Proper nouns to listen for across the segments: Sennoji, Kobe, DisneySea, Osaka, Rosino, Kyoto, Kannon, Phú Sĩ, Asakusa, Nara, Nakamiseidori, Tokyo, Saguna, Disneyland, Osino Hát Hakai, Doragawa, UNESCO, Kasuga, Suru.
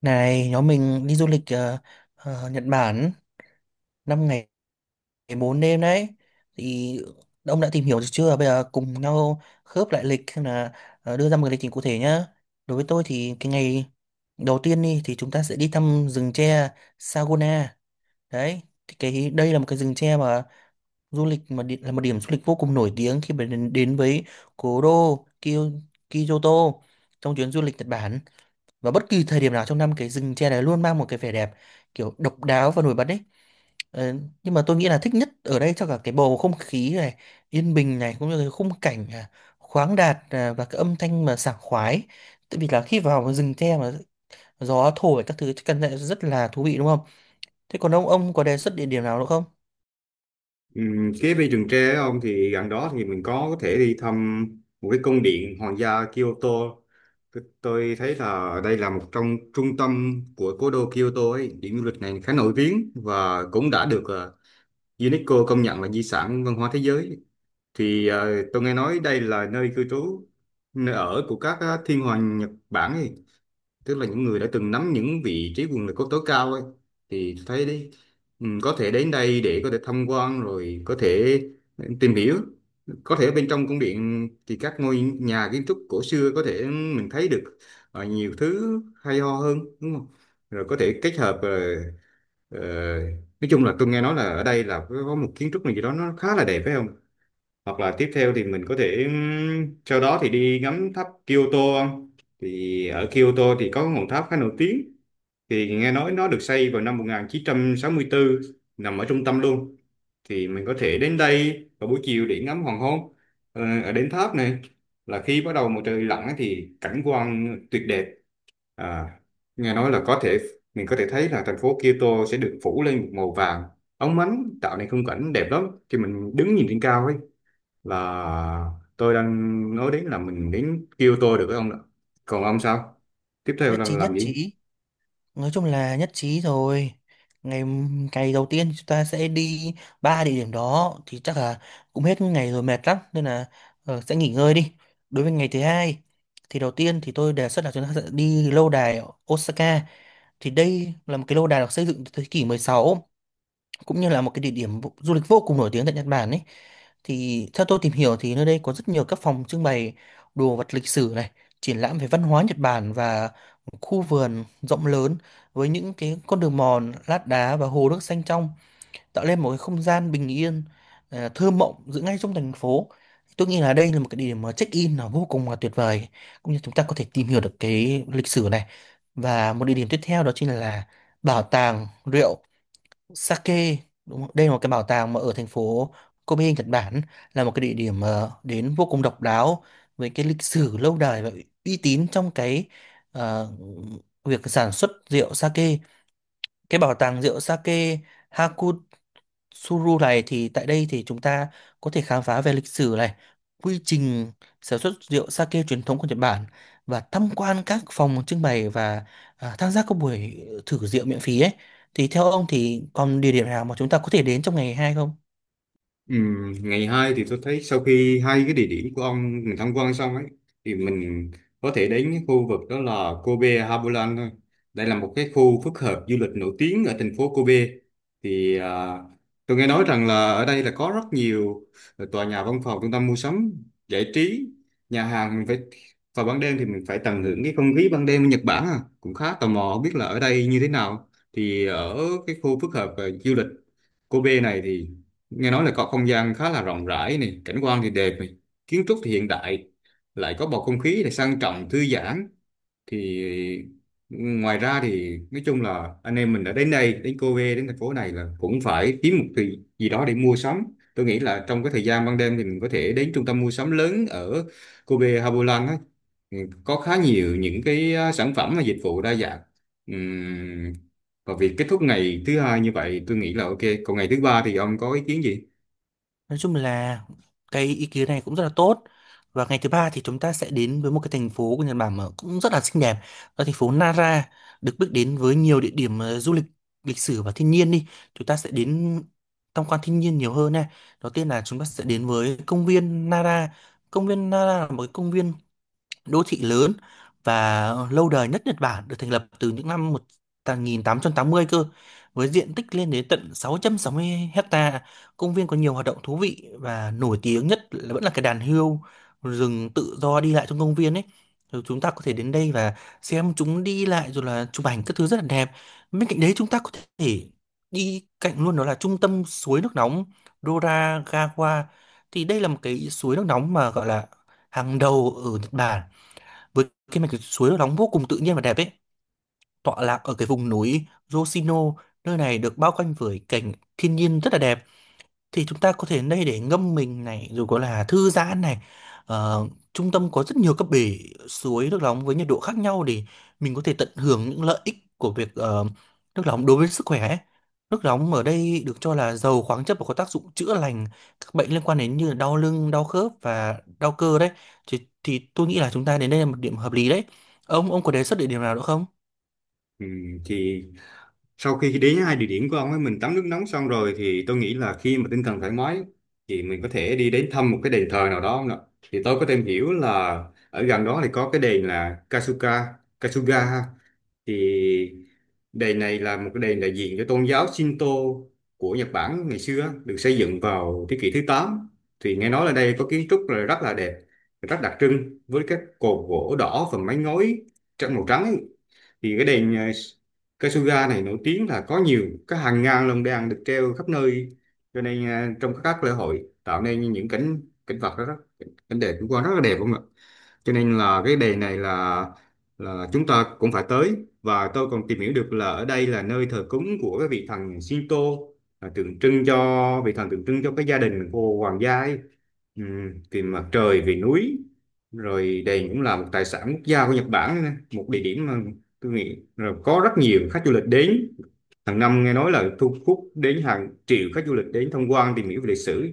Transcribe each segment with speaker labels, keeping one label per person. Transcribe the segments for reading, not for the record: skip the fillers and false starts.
Speaker 1: Này, nhóm mình đi du lịch Nhật Bản 5 ngày 4 đêm đấy. Thì ông đã tìm hiểu được chưa? Bây giờ cùng nhau khớp lại lịch xem là, đưa ra một cái lịch trình cụ thể nhá. Đối với tôi thì cái ngày đầu tiên đi thì chúng ta sẽ đi thăm rừng tre Saguna. Đấy, thì cái đây là một cái rừng tre mà du lịch mà đi, là một điểm du lịch vô cùng nổi tiếng khi mà đến với cố đô Kyoto trong chuyến du lịch Nhật Bản. Và bất kỳ thời điểm nào trong năm, cái rừng tre này luôn mang một cái vẻ đẹp kiểu độc đáo và nổi bật đấy. Ờ, nhưng mà tôi nghĩ là thích nhất ở đây cho cả cái bầu không khí này yên bình này, cũng như cái khung cảnh, à, khoáng đạt, à, và cái âm thanh mà sảng khoái, tại vì là khi vào cái rừng tre mà gió thổi các thứ chắc chắn là rất là thú vị đúng không? Thế còn ông có đề xuất địa điểm nào nữa không?
Speaker 2: Cái bê Rừng Tre ông thì gần đó thì mình có thể đi thăm một cái cung điện hoàng gia Kyoto. Tôi thấy là đây là một trong trung tâm của cố đô Kyoto ấy. Điểm du lịch này khá nổi tiếng và cũng đã được UNESCO công nhận là di sản văn hóa thế giới. Thì tôi nghe nói đây là nơi cư trú, nơi ở của các thiên hoàng Nhật Bản ấy, tức là những người đã từng nắm những vị trí quyền lực có tối cao ấy. Thì tôi thấy đấy, ừ, có thể đến đây để có thể tham quan rồi có thể tìm hiểu. Có thể bên trong cung điện thì các ngôi nhà kiến trúc cổ xưa có thể mình thấy được nhiều thứ hay ho hơn, đúng không? Rồi có thể kết hợp ờ, nói chung là tôi nghe nói là ở đây là có một kiến trúc này gì đó nó khá là đẹp, phải không? Hoặc là tiếp theo thì mình có thể, sau đó thì đi ngắm tháp Kyoto không? Thì ở Kyoto thì có ngọn tháp khá nổi tiếng, thì nghe nói nó được xây vào năm 1964, nằm ở trung tâm luôn. Thì mình có thể đến đây vào buổi chiều để ngắm hoàng hôn. Ở đến tháp này, là khi bắt đầu mặt trời lặn ấy thì cảnh quan tuyệt đẹp. À, nghe nói là có thể mình có thể thấy là thành phố Kyoto sẽ được phủ lên một màu vàng óng ánh, tạo nên khung cảnh đẹp lắm khi mình đứng nhìn trên cao ấy. Là tôi đang nói đến là mình đến kêu tôi được cái ông đó. Còn ông sao, tiếp theo
Speaker 1: Nhất
Speaker 2: là
Speaker 1: trí, nhất
Speaker 2: làm gì?
Speaker 1: trí! Nói chung là nhất trí rồi. Ngày ngày đầu tiên chúng ta sẽ đi ba địa điểm, đó thì chắc là cũng hết ngày rồi, mệt lắm nên là sẽ nghỉ ngơi đi. Đối với ngày thứ hai thì đầu tiên thì tôi đề xuất là chúng ta sẽ đi lâu đài ở Osaka. Thì đây là một cái lâu đài được xây dựng từ thế kỷ 16, cũng như là một cái địa điểm du lịch vô cùng nổi tiếng tại Nhật Bản ấy. Thì theo tôi tìm hiểu thì nơi đây có rất nhiều các phòng trưng bày đồ vật lịch sử này, triển lãm về văn hóa Nhật Bản, và một khu vườn rộng lớn với những cái con đường mòn lát đá và hồ nước xanh trong, tạo lên một cái không gian bình yên, à, thơ mộng giữa ngay trong thành phố. Tôi nghĩ là đây là một cái địa điểm mà check-in là vô cùng là tuyệt vời, cũng như chúng ta có thể tìm hiểu được cái lịch sử này. Và một địa điểm tiếp theo đó chính là bảo tàng rượu Sake, đúng không? Đây là một cái bảo tàng mà ở thành phố Kobe, Nhật Bản, là một cái địa điểm đến vô cùng độc đáo với cái lịch sử lâu đời và uy tín trong cái, ờ, việc sản xuất rượu sake. Cái bảo tàng rượu sake Suru này, thì tại đây thì chúng ta có thể khám phá về lịch sử này, quy trình sản xuất rượu sake truyền thống của Nhật Bản, và tham quan các phòng trưng bày, và, à, tham gia các buổi thử rượu miễn phí ấy. Thì theo ông thì còn địa điểm nào mà chúng ta có thể đến trong ngày hai không?
Speaker 2: Ngày 2 thì tôi thấy sau khi hai cái địa điểm của ông mình tham quan xong ấy thì mình có thể đến cái khu vực đó là Kobe Harbourland thôi. Đây là một cái khu phức hợp du lịch nổi tiếng ở thành phố Kobe. Thì à, tôi nghe nói rằng là ở đây là có rất nhiều tòa nhà văn phòng, trung tâm mua sắm, giải trí, nhà hàng. Mình phải vào ban đêm thì mình phải tận hưởng cái không khí ban đêm ở Nhật Bản à. Cũng khá tò mò không biết là ở đây như thế nào. Thì ở cái khu phức hợp à, du lịch Kobe này thì nghe nói là có không gian khá là rộng rãi này, cảnh quan thì đẹp này, kiến trúc thì hiện đại, lại có bầu không khí này sang trọng thư giãn. Thì ngoài ra thì nói chung là anh em mình đã đến đây, đến Cô Vê, đến thành phố này là cũng phải kiếm một thứ gì đó để mua sắm. Tôi nghĩ là trong cái thời gian ban đêm thì mình có thể đến trung tâm mua sắm lớn ở Cô Vê Hà á. Ừ, có khá nhiều những cái sản phẩm và dịch vụ đa dạng. Ừm, và việc kết thúc ngày thứ hai như vậy tôi nghĩ là ok. Còn ngày thứ ba thì ông có ý kiến gì?
Speaker 1: Nói chung là cái ý kiến này cũng rất là tốt. Và ngày thứ ba thì chúng ta sẽ đến với một cái thành phố của Nhật Bản mà cũng rất là xinh đẹp. Đó là thành phố Nara, được biết đến với nhiều địa điểm du lịch lịch sử và thiên nhiên đi. Chúng ta sẽ đến tham quan thiên nhiên nhiều hơn này. Đầu tiên là chúng ta sẽ đến với công viên Nara. Công viên Nara là một cái công viên đô thị lớn và lâu đời nhất Nhật Bản, được thành lập từ những năm một nghìn tám tám trăm tám mươi cơ, với diện tích lên đến tận sáu sáu trăm sáu mươi hecta. Công viên có nhiều hoạt động thú vị, và nổi tiếng nhất là vẫn là cái đàn hươu rừng tự do đi lại trong công viên ấy. Rồi chúng ta có thể đến đây và xem chúng đi lại rồi là chụp ảnh các thứ, rất là đẹp. Bên cạnh đấy, chúng ta có thể đi cạnh luôn, đó là trung tâm suối nước nóng Doragawa. Thì đây là một cái suối nước nóng mà gọi là hàng đầu ở Nhật Bản, với cái mạch suối nóng vô cùng tự nhiên và đẹp ấy, tọa lạc ở cái vùng núi Rosino. Nơi này được bao quanh với cảnh thiên nhiên rất là đẹp. Thì chúng ta có thể đây để ngâm mình này rồi có là thư giãn này. Ờ, Trung tâm có rất nhiều các bể suối nước nóng với nhiệt độ khác nhau, để mình có thể tận hưởng những lợi ích của việc, nước nóng đối với sức khỏe ấy. Nước nóng ở đây được cho là giàu khoáng chất và có tác dụng chữa lành các bệnh liên quan đến như là đau lưng, đau khớp và đau cơ đấy. Thì tôi nghĩ là chúng ta đến đây là một điểm hợp lý đấy. Ông có đề xuất địa điểm nào nữa không?
Speaker 2: Ừ, thì sau khi đến hai địa điểm của ông ấy mình tắm nước nóng xong rồi thì tôi nghĩ là khi mà tinh thần thoải mái thì mình có thể đi đến thăm một cái đền thờ nào đó không ạ? Thì tôi có tìm hiểu là ở gần đó thì có cái đền là Kasuga, Kasuga ha. Thì đền này là một cái đền đại diện cho tôn giáo Shinto của Nhật Bản ngày xưa, được xây dựng vào thế kỷ thứ tám. Thì nghe nói là đây có kiến trúc là rất là đẹp, rất đặc trưng với các cột gỗ đỏ và mái ngói trắng màu trắng ấy. Thì cái đền Cây Suga này nổi tiếng là có nhiều cái hàng ngàn lồng đèn được treo khắp nơi, cho nên à, trong các lễ hội tạo nên những cảnh cảnh vật đó, rất cảnh đẹp cũng qua rất là đẹp không ạ. Cho nên là cái đề này là chúng ta cũng phải tới. Và tôi còn tìm hiểu được là ở đây là nơi thờ cúng của cái vị thần Shinto, là tượng trưng cho vị thần tượng trưng cho cái gia đình của hoàng gia ấy. Vì mặt trời vì núi, rồi đền cũng là một tài sản quốc gia của Nhật Bản nữa nè. Một địa điểm mà tôi nghĩ rồi có rất nhiều khách du lịch đến hàng năm, nghe nói là thu hút đến hàng triệu khách du lịch đến tham quan tìm hiểu về lịch sử.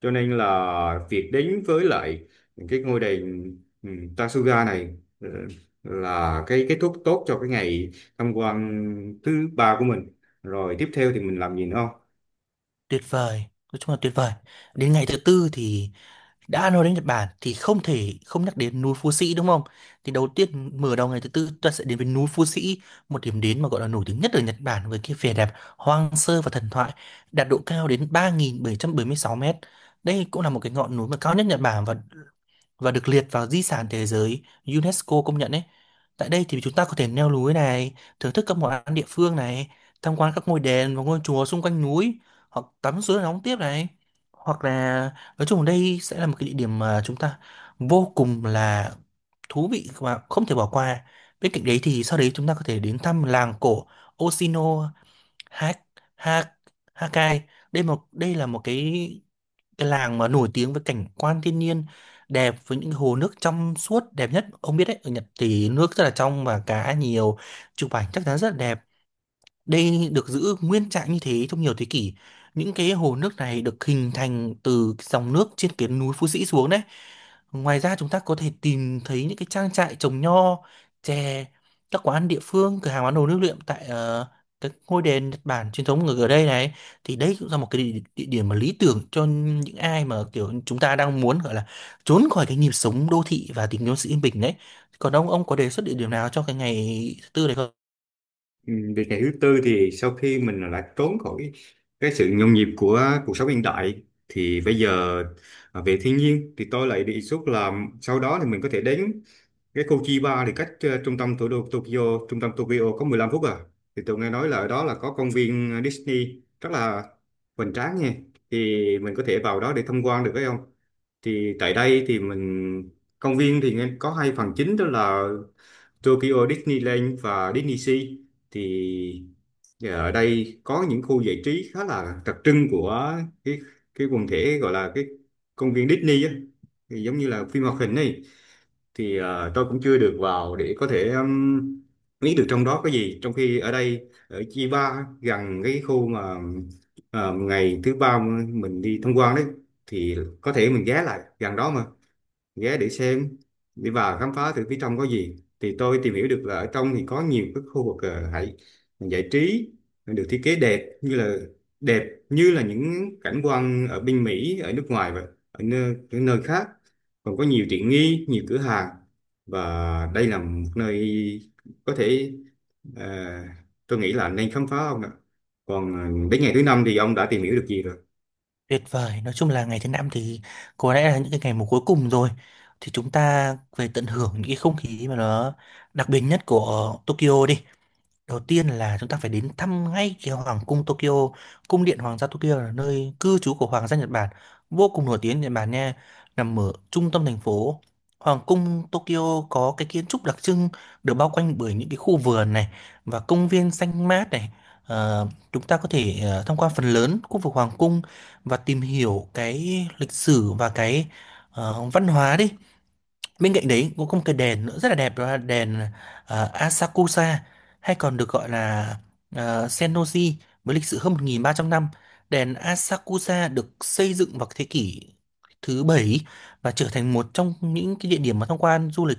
Speaker 2: Cho nên là việc đến với lại cái ngôi đền, ừ, Tasuga này, ừ, là cái kết thúc tốt cho cái ngày tham quan thứ ba của mình. Rồi tiếp theo thì mình làm gì nữa không?
Speaker 1: Tuyệt vời, nói chung là tuyệt vời. Đến ngày thứ tư thì, đã nói đến Nhật Bản thì không thể không nhắc đến núi Phú Sĩ đúng không? Thì đầu tiên, mở đầu ngày thứ tư ta sẽ đến với núi Phú Sĩ, một điểm đến mà gọi là nổi tiếng nhất ở Nhật Bản với cái vẻ đẹp hoang sơ và thần thoại, đạt độ cao đến 3.776 mét. Đây cũng là một cái ngọn núi mà cao nhất Nhật Bản, và được liệt vào di sản thế giới UNESCO công nhận ấy. Tại đây thì chúng ta có thể leo núi này, thưởng thức các món ăn địa phương này, tham quan các ngôi đền và ngôi chùa xung quanh núi, hoặc tắm suối nóng tiếp này. Hoặc là nói chung đây sẽ là một cái địa điểm mà chúng ta vô cùng là thú vị và không thể bỏ qua. Bên cạnh đấy thì sau đấy chúng ta có thể đến thăm làng cổ Osino Hát Hát Hakai. Đây là một cái làng mà nổi tiếng với cảnh quan thiên nhiên đẹp, với những hồ nước trong suốt đẹp nhất, ông biết đấy, ở Nhật thì nước rất là trong và cá nhiều, chụp ảnh chắc chắn rất là đẹp. Đây được giữ nguyên trạng như thế trong nhiều thế kỷ. Những cái hồ nước này được hình thành từ dòng nước trên cái núi Phú Sĩ xuống đấy. Ngoài ra chúng ta có thể tìm thấy những cái trang trại trồng nho, chè, các quán địa phương, cửa hàng bán đồ lưu niệm tại, các ngôi đền Nhật Bản truyền thống ở ở đây này. Thì đây cũng là một cái địa điểm mà lý tưởng cho những ai mà kiểu chúng ta đang muốn gọi là trốn khỏi cái nhịp sống đô thị và tìm kiếm sự yên bình đấy. Còn ông có đề xuất địa điểm nào cho cái ngày thứ tư này không?
Speaker 2: Ừ, việc ngày thứ tư thì sau khi mình đã trốn khỏi cái sự nhộn nhịp của cuộc sống hiện đại thì bây giờ à, về thiên nhiên thì tôi lại đề xuất là sau đó thì mình có thể đến cái khu Chiba, thì cách trung tâm thủ đô Tokyo, trung tâm Tokyo có 15 phút à. Thì tôi nghe nói là ở đó là có công viên Disney rất là hoành tráng nha. Thì mình có thể vào đó để tham quan được phải không? Thì tại đây thì mình, công viên thì nghe có hai phần chính đó là Tokyo Disneyland và DisneySea. Thì ở đây có những khu giải trí khá là đặc trưng của cái cái quần thể gọi là cái công viên Disney á. Thì giống như là phim hoạt hình này. Thì tôi cũng chưa được vào để có thể biết được trong đó có gì, trong khi ở đây ở Chiba gần cái khu mà ngày thứ ba mình đi tham quan đấy. Thì có thể mình ghé lại gần đó mà ghé để xem, đi vào khám phá thử phía trong có gì. Thì tôi tìm hiểu được là ở trong thì có nhiều cái khu vực hãy giải trí, được thiết kế đẹp như là những cảnh quan ở bên Mỹ, ở nước ngoài và ở nơi khác. Còn có nhiều tiện nghi, nhiều cửa hàng, và đây là một nơi có thể, ờ, tôi nghĩ là nên khám phá ông ạ. Còn ờ, đến ngày thứ năm thì ông đã tìm hiểu được gì rồi?
Speaker 1: Tuyệt vời, nói chung là ngày thứ năm thì có lẽ là những cái ngày mà cuối cùng rồi. Thì chúng ta về tận hưởng những cái không khí mà nó đặc biệt nhất của Tokyo đi. Đầu tiên là chúng ta phải đến thăm ngay cái Hoàng cung Tokyo. Cung điện Hoàng gia Tokyo là nơi cư trú của Hoàng gia Nhật Bản, vô cùng nổi tiếng Nhật Bản nha, nằm ở trung tâm thành phố. Hoàng cung Tokyo có cái kiến trúc đặc trưng, được bao quanh bởi những cái khu vườn này và công viên xanh mát này. Ờ, Chúng ta có thể, tham quan phần lớn khu vực Hoàng cung và tìm hiểu cái lịch sử và cái, văn hóa đi. Bên cạnh đấy cũng có một cái đền nữa rất là đẹp, đó là đền, Asakusa, hay còn được gọi là, Sennoji, với lịch sử hơn 1.300 năm. Đền Asakusa được xây dựng vào thế kỷ thứ bảy, và trở thành một trong những cái địa điểm mà tham quan du lịch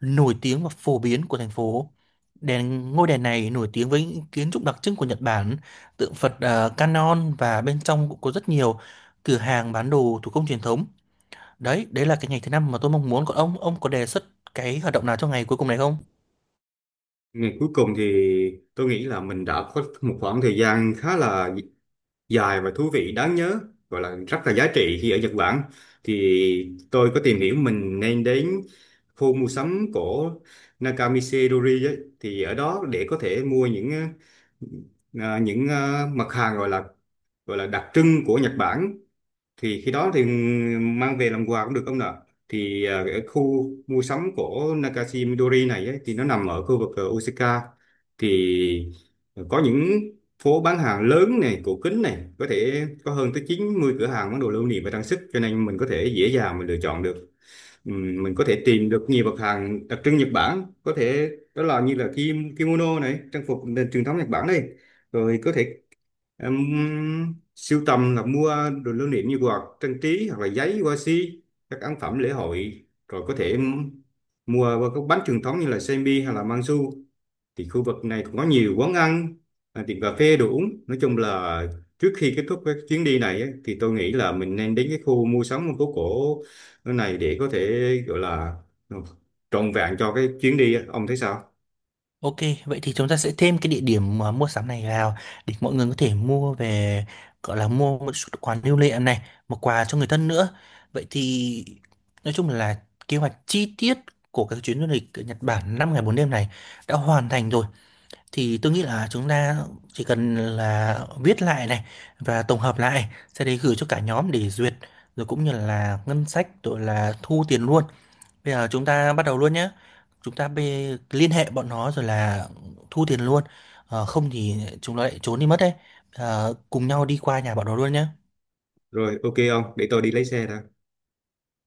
Speaker 1: nổi tiếng và phổ biến của thành phố. Ngôi đền này nổi tiếng với những kiến trúc đặc trưng của Nhật Bản, tượng Phật Kannon, và bên trong cũng có rất nhiều cửa hàng bán đồ thủ công truyền thống. Đấy, đấy là cái ngày thứ năm mà tôi mong muốn. Còn ông có đề xuất cái hoạt động nào cho ngày cuối cùng này không?
Speaker 2: Ngày cuối cùng thì tôi nghĩ là mình đã có một khoảng thời gian khá là dài và thú vị đáng nhớ, gọi là rất là giá trị khi ở Nhật Bản. Thì tôi có tìm hiểu mình nên đến khu mua sắm của Nakamiseidori ấy, thì ở đó để có thể mua những mặt hàng gọi là đặc trưng của Nhật Bản. Thì khi đó thì mang về làm quà cũng được ông nè. Thì à, ở khu mua sắm của Nakashi Midori này ấy, thì nó nằm ở khu vực Osaka. Thì có những phố bán hàng lớn này cổ kính này, có thể có hơn tới 90 cửa hàng bán đồ lưu niệm và trang sức, cho nên mình có thể dễ dàng mình lựa chọn được. Mình có thể tìm được nhiều mặt hàng đặc trưng Nhật Bản, có thể đó là như là kim- kimono này, trang phục nền truyền thống Nhật Bản đây. Rồi có thể em sưu tầm là mua đồ lưu niệm như quạt trang trí hoặc là giấy hoa si, các ấn phẩm lễ hội. Rồi có thể em mua qua các bánh truyền thống như là semi hay là mangsu. Thì khu vực này cũng có nhiều quán ăn, à, tiệm cà phê đồ uống. Nói chung là trước khi kết thúc cái chuyến đi này ấy, thì tôi nghĩ là mình nên đến cái khu mua sắm phố cổ này để có thể gọi là trọn vẹn cho cái chuyến đi á. Ông thấy sao?
Speaker 1: Ok, vậy thì chúng ta sẽ thêm cái địa điểm mà mua sắm này vào, để mọi người có thể mua về, gọi là mua một chút quà lưu niệm này, một quà cho người thân nữa. Vậy thì nói chung là kế hoạch chi tiết của các chuyến du lịch ở Nhật Bản 5 ngày 4 đêm này đã hoàn thành rồi. Thì tôi nghĩ là chúng ta chỉ cần là viết lại này và tổng hợp lại, sau đấy gửi cho cả nhóm để duyệt, rồi cũng như là ngân sách rồi là thu tiền luôn. Bây giờ chúng ta bắt đầu luôn nhé. Chúng ta liên hệ bọn nó rồi là thu tiền luôn. Không thì chúng nó lại trốn đi mất đấy. Cùng nhau đi qua nhà bọn nó luôn nhé.
Speaker 2: Rồi ok ông, để tôi đi lấy xe đã.